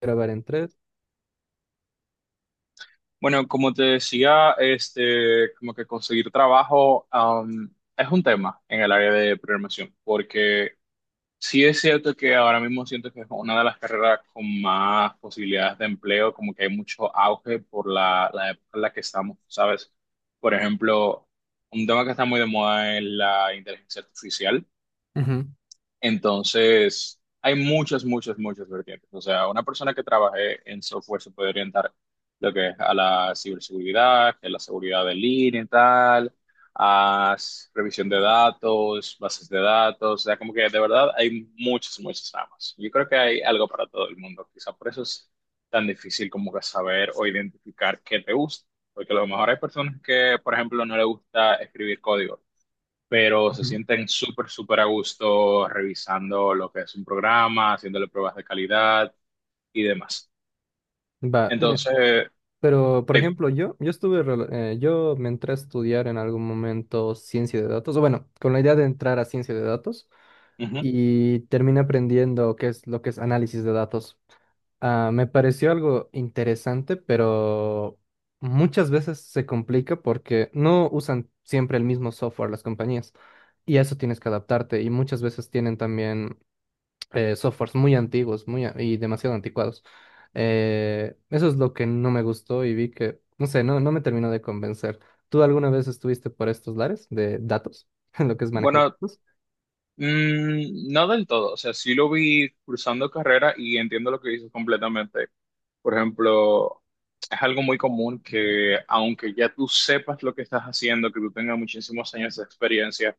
Grabar en tres. Bueno, como te decía, como que conseguir trabajo, es un tema en el área de programación, porque sí es cierto que ahora mismo siento que es una de las carreras con más posibilidades de empleo, como que hay mucho auge por la época en la que estamos, ¿sabes? Por ejemplo, un tema que está muy de moda es la inteligencia artificial, entonces hay muchas, muchas, muchas vertientes. O sea, una persona que trabaje en software se puede orientar lo que es a la ciberseguridad, que es la seguridad de línea y tal, a revisión de datos, bases de datos. O sea, como que de verdad hay muchas, muchas ramas. Yo creo que hay algo para todo el mundo. Quizá por eso es tan difícil como que saber o identificar qué te gusta. Porque a lo mejor hay personas que, por ejemplo, no les gusta escribir código, pero se Ujú. sienten súper, súper a gusto revisando lo que es un programa, haciéndole pruebas de calidad y demás. Va, Entonces, pero por eh, ejemplo, yo estuve, yo me entré a estudiar en algún momento ciencia de datos, o bueno, con la idea de entrar a ciencia de datos ujú. y terminé aprendiendo qué es lo que es análisis de datos. Ah, me pareció algo interesante, pero muchas veces se complica porque no usan siempre el mismo software las compañías y a eso tienes que adaptarte y muchas veces tienen también softwares muy antiguos y demasiado anticuados. Eso es lo que no me gustó y vi que, no sé, no me terminó de convencer. ¿Tú alguna vez estuviste por estos lares de datos, lo que es manejo de Bueno, datos? No del todo, o sea, sí lo vi cursando carrera y entiendo lo que dices completamente. Por ejemplo, es algo muy común que aunque ya tú sepas lo que estás haciendo, que tú tengas muchísimos años de experiencia,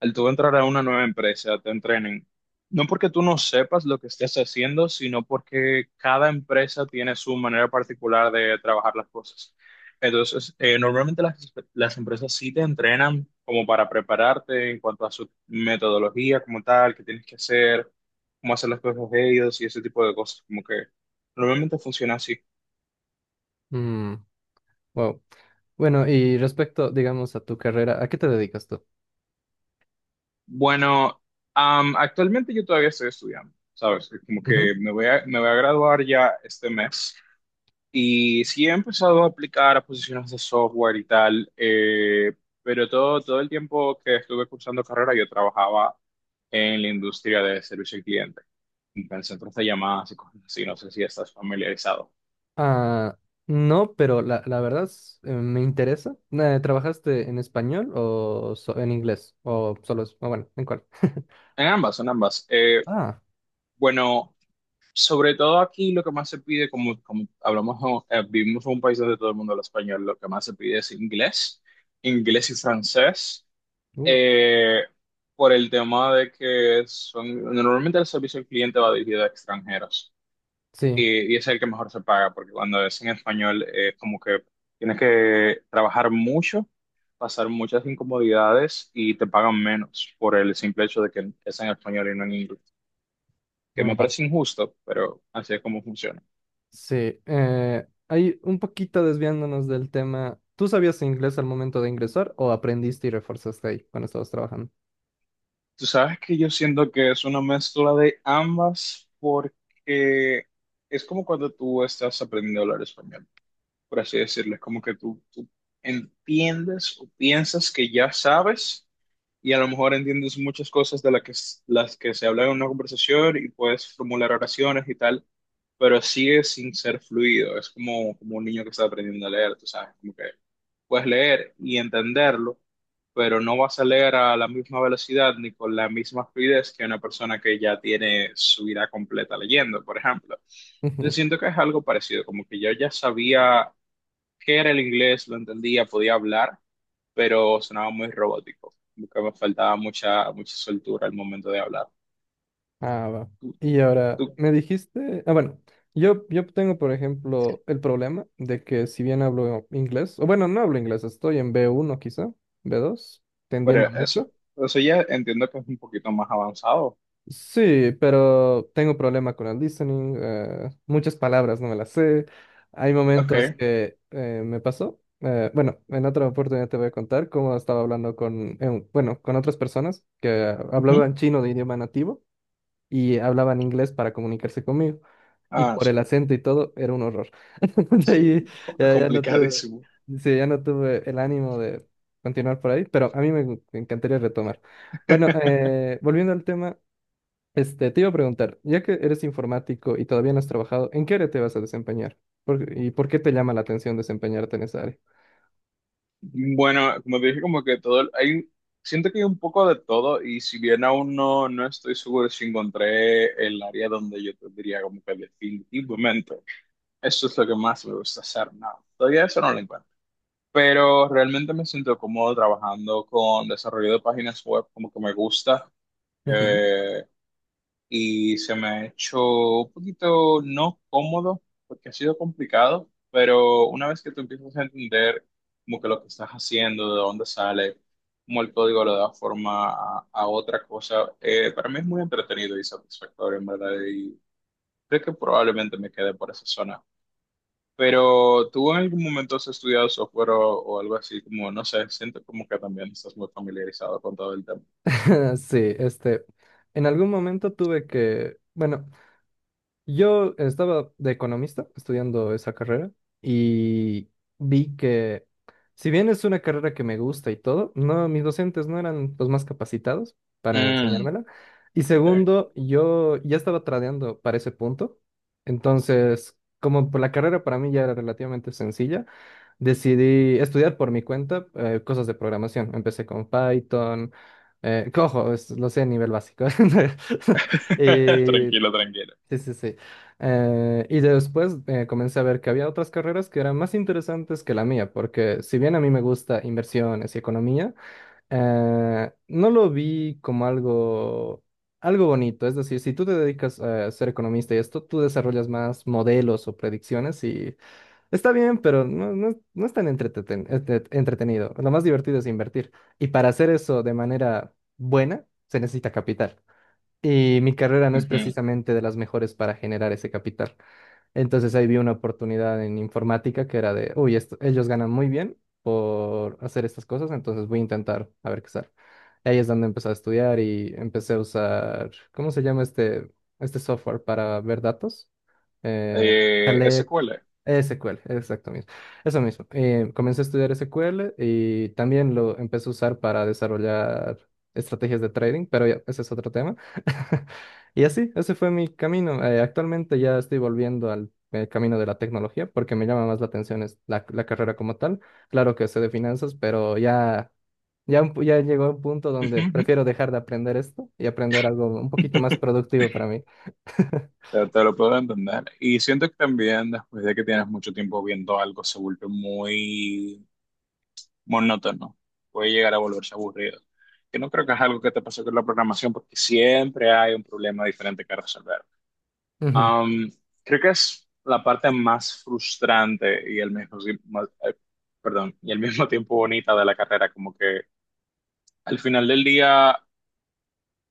al tú entrar a una nueva empresa, te entrenen. No porque tú no sepas lo que estés haciendo, sino porque cada empresa tiene su manera particular de trabajar las cosas. Entonces, normalmente las empresas sí te entrenan como para prepararte en cuanto a su metodología como tal, qué tienes que hacer, cómo hacer las cosas de ellos y ese tipo de cosas. Como que normalmente funciona así. Mm, wow. Bueno, y respecto, digamos, a tu carrera, ¿a qué te dedicas tú? Bueno, actualmente yo todavía estoy estudiando, ¿sabes? Como que Ujú. me voy a graduar ya este mes. Y sí he empezado a aplicar a posiciones de software y tal, pero todo el tiempo que estuve cursando carrera yo trabajaba en la industria de servicio al cliente, en centros de llamadas y cosas así, no sé si estás familiarizado. Ah, no, pero la verdad es, me interesa. ¿Trabajaste en español en inglés? O solo, o bueno, ¿en cuál? En ambas, en ambas. Ah, Bueno, sobre todo aquí lo que más se pide, como hablamos, ¿no? Vivimos en un país donde todo el mundo habla español, lo que más se pide es inglés, inglés y francés. uh, Eh, por el tema de que son, normalmente el servicio al cliente va dirigido a extranjeros, sí, y es el que mejor se paga, porque cuando es en español es como que tienes que trabajar mucho, pasar muchas incomodidades y te pagan menos por el simple hecho de que es en español y no en inglés, que mm, me va. parece injusto, pero así es como funciona. Sí, ahí un poquito desviándonos del tema. ¿Tú sabías inglés al momento de ingresar o aprendiste y reforzaste ahí cuando estabas trabajando? Tú sabes que yo siento que es una mezcla de ambas, porque es como cuando tú estás aprendiendo a hablar español, por así decirlo. Es como que tú entiendes o piensas que ya sabes y a lo mejor entiendes muchas cosas de las que, las que se habla en una conversación, y puedes formular oraciones y tal, pero sigue sin ser fluido. Es como un niño que está aprendiendo a leer, tú sabes, como que puedes leer y entenderlo, pero no vas a leer a la misma velocidad ni con la misma fluidez que una persona que ya tiene su vida completa leyendo, por ejemplo. Entonces Ujú. siento que es algo parecido, como que yo ya sabía que era el inglés, lo entendía, podía hablar, pero sonaba muy robótico, como que me faltaba mucha, mucha soltura al momento de hablar. Ah, va. Tú, Y ahora, tú, me dijiste, ah, bueno, yo tengo, por ejemplo, el problema de que si bien hablo inglés, o bueno, no hablo inglés, estoy en B1 quizá, B2, pero tendiendo eso, mucho. eso ya entiendo que es un poquito más avanzado. Sí, pero tengo problema con el listening. Muchas palabras no me las sé. Hay Ok. momentos que me pasó. Bueno, en otra oportunidad te voy a contar cómo estaba hablando con, bueno, con otras personas que Ujú. hablaban chino de idioma nativo y hablaban inglés para comunicarse conmigo. Y Ah, por el sí, acento y todo, era un horror. De sí, ahí es ya no tuve, complicadísimo. sí, ya no tuve el ánimo de continuar por ahí, pero a mí me encantaría retomar. Bueno, volviendo al tema. Este, te iba a preguntar, ya que eres informático y todavía no has trabajado, ¿en qué área te vas a desempeñar? ¿Y por qué te llama la atención desempeñarte en esa área? Bueno, como te dije, como que todo, hay, siento que hay un poco de todo, y si bien aún no estoy seguro si encontré el área donde yo te diría como que, definitivamente, eso es lo que más me gusta hacer, no, todavía eso no lo encuentro. Pero realmente me siento cómodo trabajando con desarrollo de páginas web, como que me gusta, Ujú. eh, y se me ha hecho un poquito no cómodo, porque ha sido complicado, pero una vez que tú empiezas a entender como que lo que estás haciendo, de dónde sale, cómo el código le da forma a otra cosa, para mí es muy entretenido y satisfactorio, en verdad, y creo que probablemente me quede por esa zona. Pero tú, ¿en algún momento has estudiado software o algo así? Como, no sé, siento como que también estás muy familiarizado con todo el tema. Sí, este, en algún momento tuve que, bueno, yo estaba de economista estudiando esa carrera y vi que si bien es una carrera que me gusta y todo, no, mis docentes no eran los más capacitados para Mm, enseñármela. Y ok. segundo, yo ya estaba tradeando para ese punto. Entonces, como por la carrera para mí ya era relativamente sencilla, decidí estudiar por mi cuenta cosas de programación. Empecé con Python, cojo, lo sé a nivel básico. Eh, Tranquilo, tranquilo. Sí, sí, sí. Y después comencé a ver que había otras carreras que eran más interesantes que la mía, porque si bien a mí me gusta inversiones y economía, no lo vi como algo bonito. Es decir, si tú te dedicas a ser economista y esto, tú desarrollas más modelos o predicciones y está bien, pero no es tan entretenido. Lo más divertido es invertir. Y para hacer eso de manera buena, se necesita capital. Y mi carrera no es Ujú. precisamente de las mejores para generar ese capital. Entonces ahí vi una oportunidad en informática que era de, uy, ellos ganan muy bien por hacer estas cosas, entonces voy a intentar a ver qué sale. Ahí es donde empecé a estudiar y empecé a usar, ¿cómo se llama este software para ver datos? eh, Select, SQL. SQL, exacto mismo. Eso mismo. Comencé a estudiar SQL y también lo empecé a usar para desarrollar estrategias de trading, pero ya, ese es otro tema. Y así, ese fue mi camino. Actualmente ya estoy volviendo al camino de la tecnología porque me llama más la atención es la carrera como tal. Claro que sé de finanzas, pero ya llegó a un punto donde Ujú. prefiero dejar de aprender esto y aprender algo un poquito más productivo para mí. Te lo puedo entender. Y siento que también después de que tienes mucho tiempo viendo algo, se vuelve muy monótono. Puede llegar a volverse aburrido. Que no creo que es algo que te pase con la programación, porque siempre hay un problema diferente que resolver. Ujú. Am, Creo que es la parte más frustrante y, el mismo, eh, perdón, y al mismo tiempo, bonita de la carrera, como que al final del día,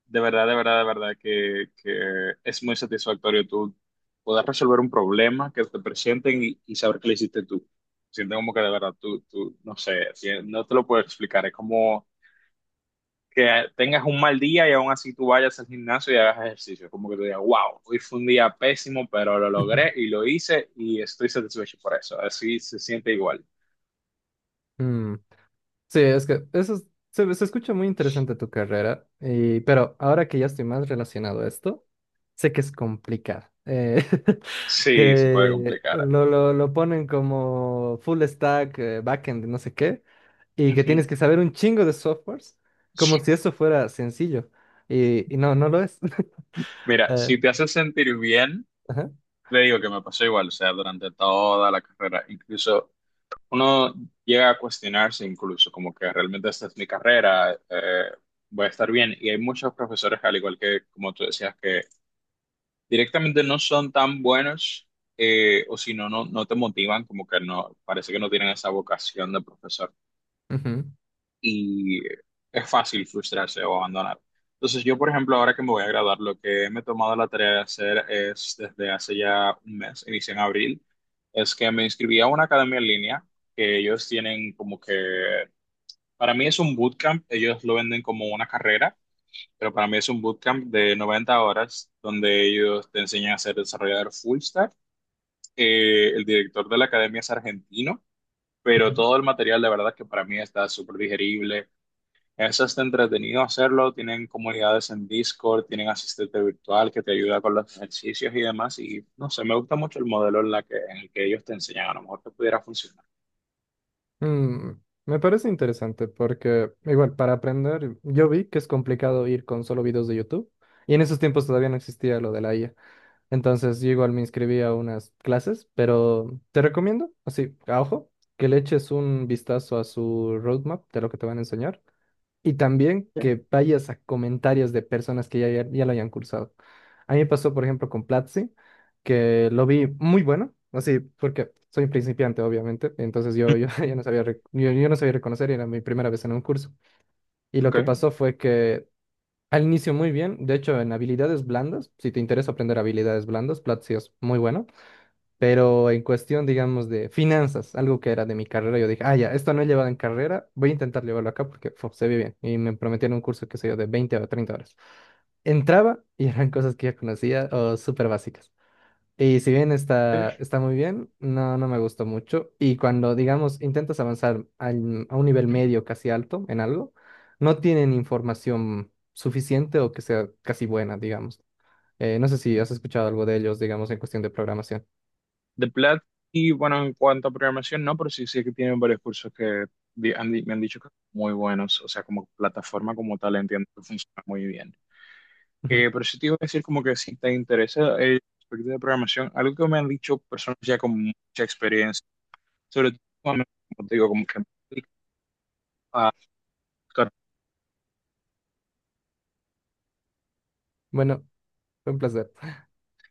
de verdad, de verdad, de verdad, que es muy satisfactorio tú poder resolver un problema que te presenten y saber que lo hiciste tú. Siento como que de verdad, no sé, no te lo puedo explicar, es como que tengas un mal día y aún así tú vayas al gimnasio y hagas ejercicio. Como que tú digas, wow, hoy fue un día pésimo, pero lo logré y lo hice y estoy satisfecho por eso. Así se siente igual. Mm. Sí, es que se escucha muy interesante tu carrera, pero ahora que ya estoy más relacionado a esto, sé que es complicado. Sí, se puede Que complicar. lo ponen como full stack, backend, no sé qué, y que Ujú. tienes que saber un chingo de softwares, como si eso fuera sencillo. Y no lo es. Mira, si Eh, te hace sentir bien, ajá, te digo que me pasó igual, o sea, durante toda la carrera, incluso uno llega a cuestionarse incluso como que, realmente, esta es mi carrera, voy a estar bien. Y hay muchos profesores, al igual que como tú decías, que directamente no son tan buenos, o si no, no, no te motivan, como que no, parece que no tienen esa vocación de profesor, ujú, y es fácil frustrarse o abandonar. Entonces yo, por ejemplo, ahora que me voy a graduar, lo que me he tomado la tarea de hacer es, desde hace ya un mes, inicié en abril, es que me inscribí a una academia en línea que ellos tienen como que, para mí es un bootcamp, ellos lo venden como una carrera, pero para mí es un bootcamp de 90 horas donde ellos te enseñan a ser desarrollador full stack. El director de la academia es argentino, pero ujú. todo el material, de verdad, que para mí está súper digerible. Es hasta entretenido hacerlo, tienen comunidades en Discord, tienen asistente virtual que te ayuda con los ejercicios y demás. Y no sé, me gusta mucho el modelo en el que ellos te enseñan, a lo mejor te pudiera funcionar. Mm, Me parece interesante porque igual para aprender yo vi que es complicado ir con solo videos de YouTube y en esos tiempos todavía no existía lo de la IA. Entonces yo igual me inscribí a unas clases, pero te recomiendo, así, a ojo, que le eches un vistazo a su roadmap de lo que te van a enseñar y también Ok, que vayas a comentarios de personas que ya lo hayan cursado. A mí me pasó, por ejemplo, con Platzi, que lo vi muy bueno, así, porque soy principiante, obviamente, entonces ya no sabía, yo no sabía reconocer y era mi primera vez en un curso. Y lo que ok. pasó fue que al inicio muy bien, de hecho, en habilidades blandas, si te interesa aprender habilidades blandas, Platzi es muy bueno. Pero en cuestión, digamos, de finanzas, algo que era de mi carrera, yo dije, ah, ya, esto no he llevado en carrera, voy a intentar llevarlo acá porque fu, se ve bien. Y me prometieron un curso, qué sé yo, de 20 o 30 horas. Entraba y eran cosas que ya conocía o súper básicas. Y si bien está, Ok. está muy bien, no me gustó mucho. Y cuando, digamos, intentas avanzar a un nivel medio, casi alto, en algo, no tienen información suficiente o que sea casi buena, digamos. No sé si has escuchado algo de ellos, digamos, en cuestión de programación. De Plat, y bueno, en cuanto a programación, no, pero sí sé que tienen varios cursos que me han dicho que son muy buenos, o sea, como plataforma como tal, entiendo que funciona muy bien. Ujú. Pero sí te iba a decir como que, si te interesa el aspecto de programación, algo que me han dicho personas ya con mucha experiencia, sobre todo, como te digo, como que me dedico a buscar Bueno, fue un placer.